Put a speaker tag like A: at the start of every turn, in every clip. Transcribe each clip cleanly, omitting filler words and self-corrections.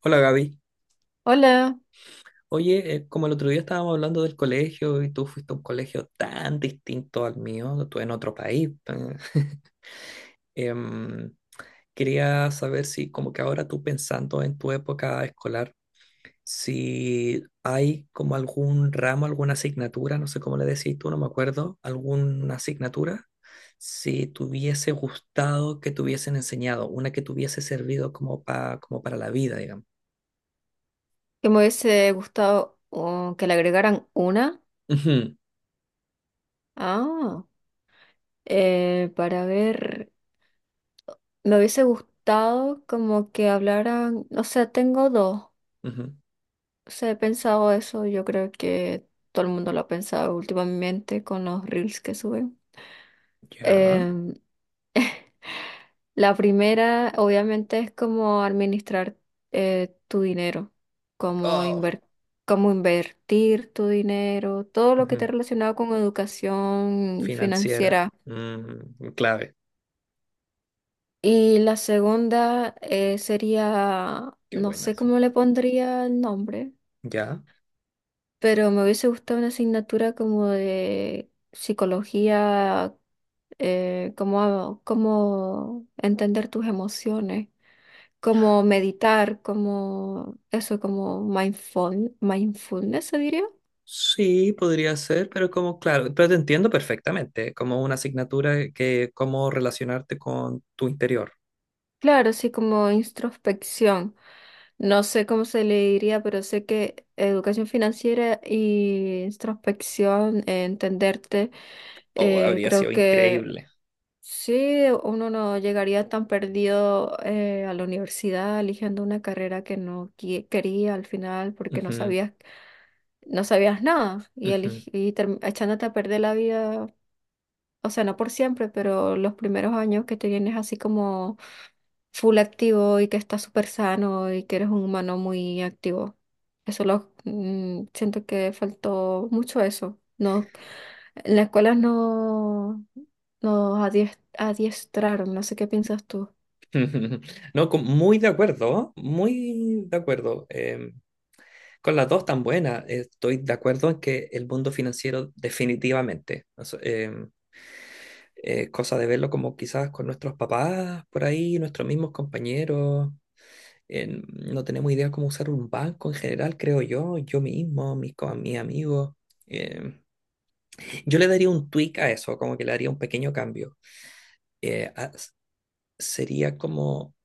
A: Hola Gaby.
B: Hola,
A: Oye, como el otro día estábamos hablando del colegio y tú fuiste a un colegio tan distinto al mío, tú en otro país. em, Quería saber si como que ahora tú pensando en tu época escolar, si hay como algún ramo, alguna asignatura, no sé cómo le decís tú, no me acuerdo, alguna asignatura, si te hubiese gustado que te hubiesen enseñado, una que te hubiese servido como, como para la vida, digamos.
B: que me hubiese gustado que le agregaran una.
A: Ujú,
B: Ah, para ver, me hubiese gustado como que hablaran, o sea, tengo dos.
A: ujú.
B: O sea, he pensado eso, yo creo que todo el mundo lo ha pensado últimamente con los reels que suben.
A: Ya.
B: La primera, obviamente, es como administrar tu dinero, como
A: Oh.
B: inver- como invertir tu dinero, todo lo que esté
A: Ujú.
B: relacionado con educación
A: Financiera.
B: financiera.
A: Mm, clave.
B: Y la segunda sería,
A: Qué
B: no
A: buena,
B: sé
A: sí.
B: cómo le pondría el nombre.
A: ¿Ya?
B: Pero me hubiese gustado una asignatura como de psicología, cómo entender tus emociones, cómo meditar, cómo eso, como mindfulness, se diría.
A: Sí, podría ser, pero como, claro, pero te entiendo perfectamente, ¿eh? Como una asignatura que cómo relacionarte con tu interior.
B: Claro, sí, como introspección. No sé cómo se le diría, pero sé que educación financiera y introspección, entenderte,
A: Oh, habría
B: creo
A: sido
B: que
A: increíble.
B: sí, uno no llegaría tan perdido a la universidad eligiendo una carrera que no qui- quería al final porque no
A: Ujú,
B: sabías, no sabías nada y,
A: ujú.
B: eligi- y term- echándote a perder la vida, o sea, no por siempre, pero los primeros años que te vienes así como full activo y que estás súper sano y que eres un humano muy activo. Eso lo siento que faltó mucho eso. No, en la escuela no nos adiestraron, no sé qué piensas tú.
A: No, muy de acuerdo, muy de acuerdo. Con las dos tan buenas, estoy de acuerdo en que el mundo financiero definitivamente. Cosa de verlo como quizás con nuestros papás por ahí, nuestros mismos compañeros. No tenemos idea cómo usar un banco en general, creo yo, yo mismo, mis, mis amigos. em, yo le daría un tweak a eso, como que le daría un pequeño cambio. Eh, a- s- sería como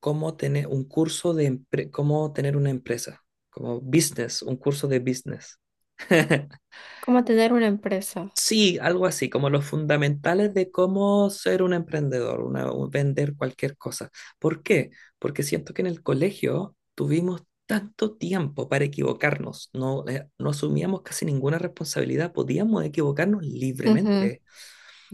A: cómo tener un curso de cómo tener una empresa, como business, un curso de business.
B: Como tener una empresa.
A: Sí, algo así, como los fundamentales de cómo ser un emprendedor, vender cualquier cosa. ¿Por qué? Porque siento que en el colegio tuvimos tanto tiempo para equivocarnos, no, no asumíamos casi ninguna responsabilidad, podíamos equivocarnos
B: Ujú,
A: libremente.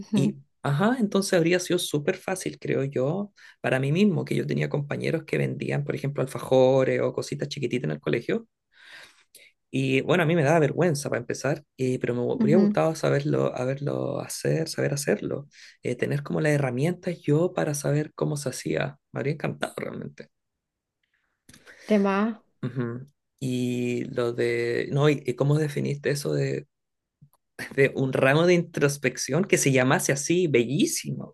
B: ujú,
A: Y, ajá, entonces habría sido súper fácil, creo yo, para mí mismo, que yo tenía compañeros que vendían, por ejemplo, alfajores o cositas chiquititas en el colegio. Y bueno, a mí me daba vergüenza para empezar, pero me hubiera
B: ujú.
A: gustado saberlo, haberlo hacer, saber hacerlo, tener como las herramientas yo para saber cómo se hacía. Me habría encantado realmente.
B: Tema
A: Ujú. Y lo de, no, y cómo definiste eso de, de un ramo de introspección que se llamase así, bellísimo.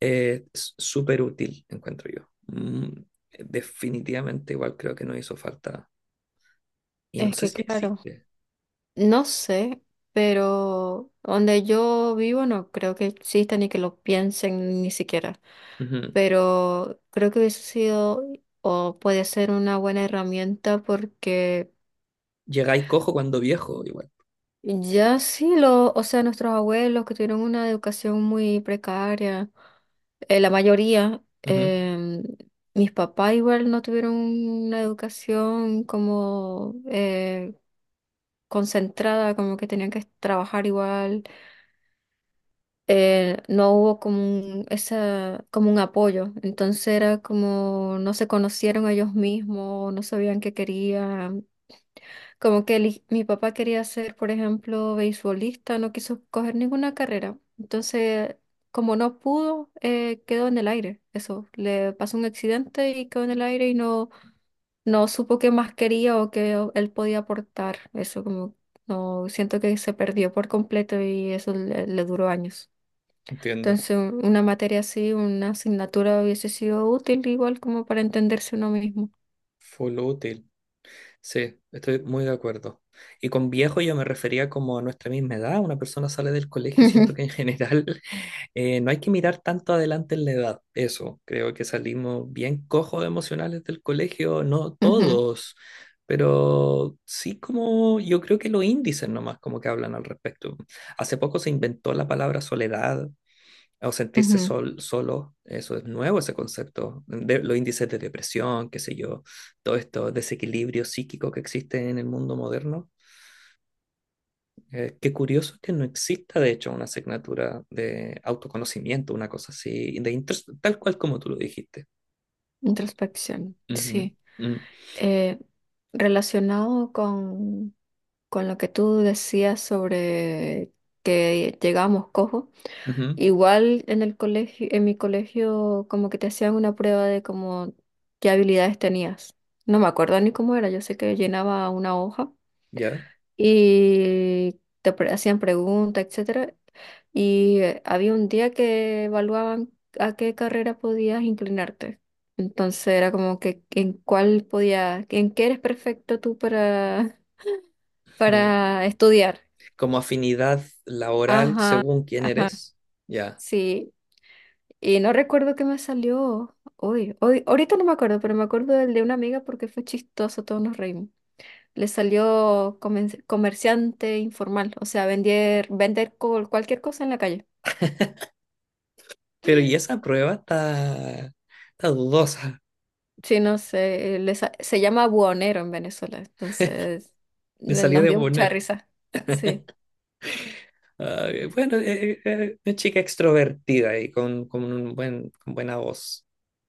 A: Súper útil, encuentro yo. Mm, definitivamente igual creo que no hizo falta. Y no
B: es
A: sé
B: que,
A: si
B: claro.
A: existe.
B: No sé, pero donde yo vivo no creo que exista ni que lo piensen ni siquiera.
A: Ujú.
B: Pero creo que hubiese sido o puede ser una buena herramienta porque
A: Llegáis cojo cuando viejo, igual.
B: ya sí lo, o sea, nuestros abuelos que tuvieron una educación muy precaria, la mayoría,
A: Ujú.
B: mis papás igual no tuvieron una educación como concentrada, como que tenían que trabajar igual, no hubo como un, esa, como un apoyo. Entonces era como no se conocieron ellos mismos, no sabían qué querían. Mi papá quería ser, por ejemplo, beisbolista, no quiso coger ninguna carrera. Entonces, como no pudo, quedó en el aire. Eso, le pasó un accidente y quedó en el aire y no, no supo qué más quería o él podía aportar. Eso como no siento que se perdió por completo y eso le duró años.
A: Entiendo.
B: Entonces, una materia así, una asignatura hubiese sido útil igual como para entenderse uno mismo.
A: Full útil. Sí, estoy muy de acuerdo. Y con viejo yo me refería como a nuestra misma edad. Una persona sale del colegio y siento que en general no hay que mirar tanto adelante en la edad. Eso, creo que salimos bien cojos emocionales del colegio, no
B: Ujú, ujú,
A: todos, pero sí como yo creo que los índices nomás como que hablan al respecto. Hace poco se inventó la palabra soledad o sentirse
B: ujú.
A: sol, solo, eso es nuevo ese concepto, de, los índices de depresión, qué sé yo, todo esto desequilibrio psíquico que existe en el mundo moderno. Qué curioso que no exista, de hecho, una asignatura de autoconocimiento, una cosa así, de tal cual como tú lo dijiste.
B: Introspección,
A: Ujú,
B: sí.
A: mm,
B: Eh, Relacionado con lo que tú decías sobre que llegábamos cojos,
A: ujú.
B: igual en el colegio, en mi colegio como que te hacían una prueba de como qué habilidades tenías. No me acuerdo ni cómo era, yo sé que llenaba una hoja
A: ¿Ya?
B: y hacían preguntas, etcétera. Y había un día que evaluaban a qué carrera podías inclinarte. Entonces era como que en cuál podías, en qué eres perfecto tú para,
A: Ujú.
B: para estudiar.
A: Como afinidad laboral
B: Ajá,
A: según quién eres, ¿ya?
B: sí. Y no recuerdo qué me salió hoy. Hoy, ahorita no me acuerdo, pero me acuerdo del de una amiga porque fue chistoso, todos nos reímos. Le salió comerciante informal, o sea, vender, vender cualquier cosa en la calle.
A: Pero y esa prueba está, está dudosa,
B: Sí, no sé, se llama buhonero en Venezuela, entonces
A: le salió
B: nos
A: de
B: dio mucha
A: poner.
B: risa. Sí,
A: Ah, bueno, una chica extrovertida y con un buen, con buena voz.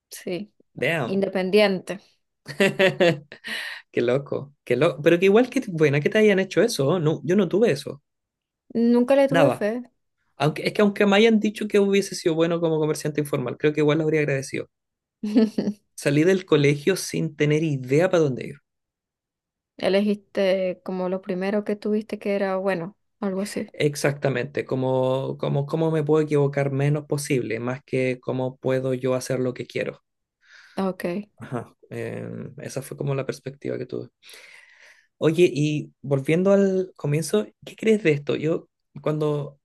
B: sí,
A: Damn.
B: independiente.
A: Qué loco. Qué loco. Pero que igual que buena que te hayan hecho eso. No, yo no tuve eso.
B: Nunca le tuve
A: Nada.
B: fe.
A: Aunque, es que aunque me hayan dicho que hubiese sido bueno como comerciante informal, creo que igual lo habría agradecido. Salí del colegio sin tener idea para dónde ir.
B: Elegiste como lo primero que tuviste que era bueno, algo así.
A: Exactamente, como, como, cómo me puedo equivocar menos posible, más que cómo puedo yo hacer lo que quiero.
B: Ok.
A: Ajá. Esa fue como la perspectiva que tuve. Oye, y volviendo al comienzo, ¿qué crees de esto? Yo cuando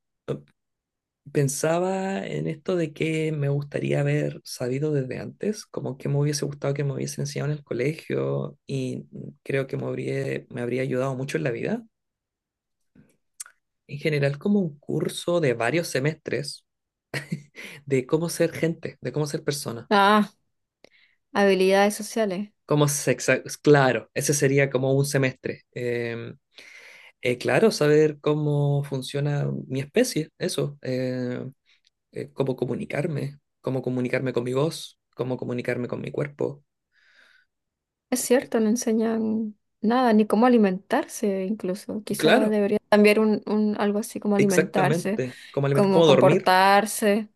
A: pensaba en esto de que me gustaría haber sabido desde antes, como que me hubiese gustado que me hubiesen enseñado en el colegio y creo que me habría ayudado mucho en la vida. En general, como un curso de varios semestres de cómo ser gente, de cómo ser persona,
B: Ah, habilidades sociales.
A: cómo se... Claro, ese sería como un semestre. Claro, saber cómo funciona mi especie, eso. Cómo comunicarme con mi voz, cómo comunicarme con mi cuerpo.
B: Es
A: Eh,
B: cierto, no enseñan nada, ni cómo alimentarse incluso. Quizá
A: claro,
B: debería cambiar un algo así como alimentarse,
A: exactamente.
B: como
A: Cómo dormir,
B: comportarse.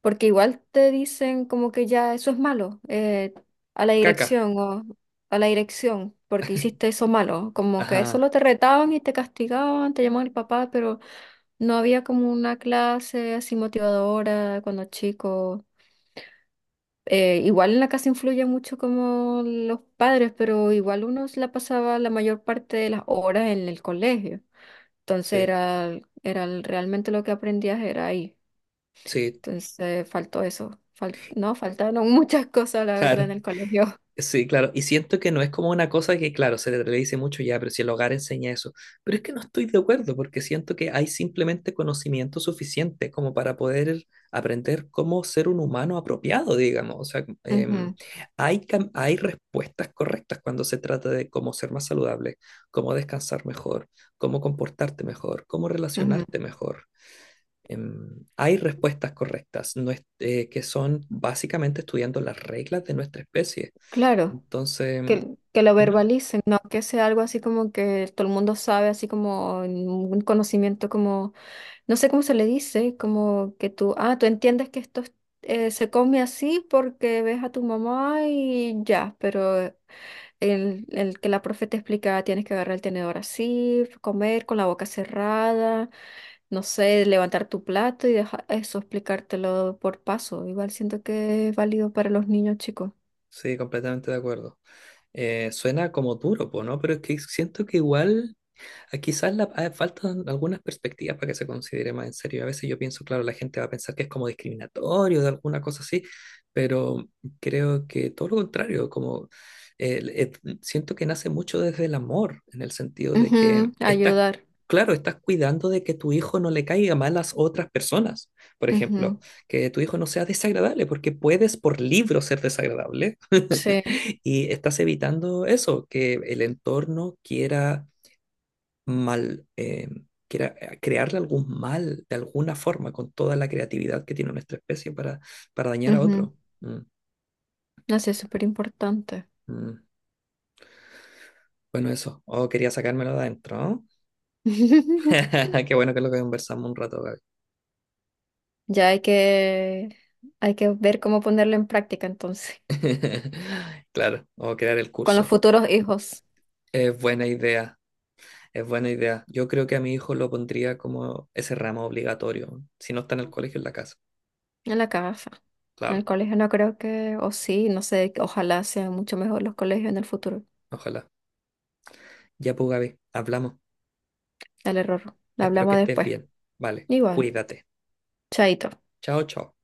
B: Porque igual te dicen como que ya eso es malo, a la
A: caca.
B: dirección o a la dirección, porque hiciste eso malo. Como que
A: Ajá,
B: solo te retaban y te castigaban, te llamaban el papá, pero no había como una clase así motivadora cuando chico. Igual en la casa influye mucho como los padres, pero igual uno se la pasaba la mayor parte de las horas en el colegio. Entonces
A: sí,
B: era, era realmente lo que aprendías era ahí.
A: sí,
B: Entonces, faltó eso. Fal- no, Faltaron muchas cosas, la verdad,
A: claro.
B: en el colegio.
A: Sí, claro, y siento que no es como una cosa que, claro, se le dice mucho ya, pero si el hogar enseña eso, pero es que no estoy de acuerdo porque siento que hay simplemente conocimiento suficiente como para poder aprender cómo ser un humano apropiado, digamos, o sea,
B: Ujú,
A: hay, hay respuestas correctas cuando se trata de cómo ser más saludable, cómo descansar mejor, cómo comportarte mejor, cómo
B: ujú.
A: relacionarte mejor. Em, hay respuestas correctas no es- que son básicamente estudiando las reglas de nuestra especie
B: Claro,
A: entonces,
B: que lo
A: ujú,
B: verbalicen, no que sea algo así como que todo el mundo sabe, así como en un conocimiento como, no sé cómo se le dice, como que tú, ah, tú entiendes que esto es- se come así porque ves a tu mamá y ya, pero el que la profe te explica, tienes que agarrar el tenedor así, comer con la boca cerrada. No sé, levantar tu plato y dejar eso, explicártelo por paso. Igual siento que es válido para los niños chicos.
A: sí, completamente de acuerdo. Suena como duro, po, ¿no? Pero es que siento que igual... Quizás faltan algunas perspectivas para que se considere más en serio. A veces yo pienso, claro, la gente va a pensar que es como discriminatorio de alguna cosa así, pero creo que todo lo contrario, como siento que nace mucho desde el amor, en el sentido de que
B: Ujú,
A: estás,
B: ayudar.
A: claro, estás cuidando de que tu hijo no le caiga mal a las otras personas, por
B: Ujú,
A: ejemplo, que tu hijo no sea desagradable, porque puedes por libro ser desagradable
B: sí,
A: y estás evitando eso, que el entorno quiera mal, crea- crearle algún mal de alguna forma con toda la creatividad que tiene nuestra especie para dañar a
B: ujú.
A: otro. Mm,
B: No sé, es súper importante.
A: mm. Bueno, eso. Oh, quería sacármelo de adentro, ¿no? Qué bueno que lo conversamos un rato, Gaby.
B: Ya hay que ver cómo ponerlo en práctica entonces,
A: Claro, o crear el
B: con los
A: curso.
B: futuros hijos
A: Es buena idea, es buena idea. Yo creo que a mi hijo lo pondría como ese ramo obligatorio, si no está en el colegio, en la casa.
B: en la casa. En el
A: Claro,
B: colegio no creo que, o sí, no sé, ojalá sean mucho mejor los colegios en el futuro.
A: ojalá. Ya pues, Gaby, hablamos.
B: El error. Lo
A: Espero que
B: hablamos
A: estés
B: después.
A: bien. Vale,
B: Igual,
A: cuídate.
B: chaito.
A: Chao, chao.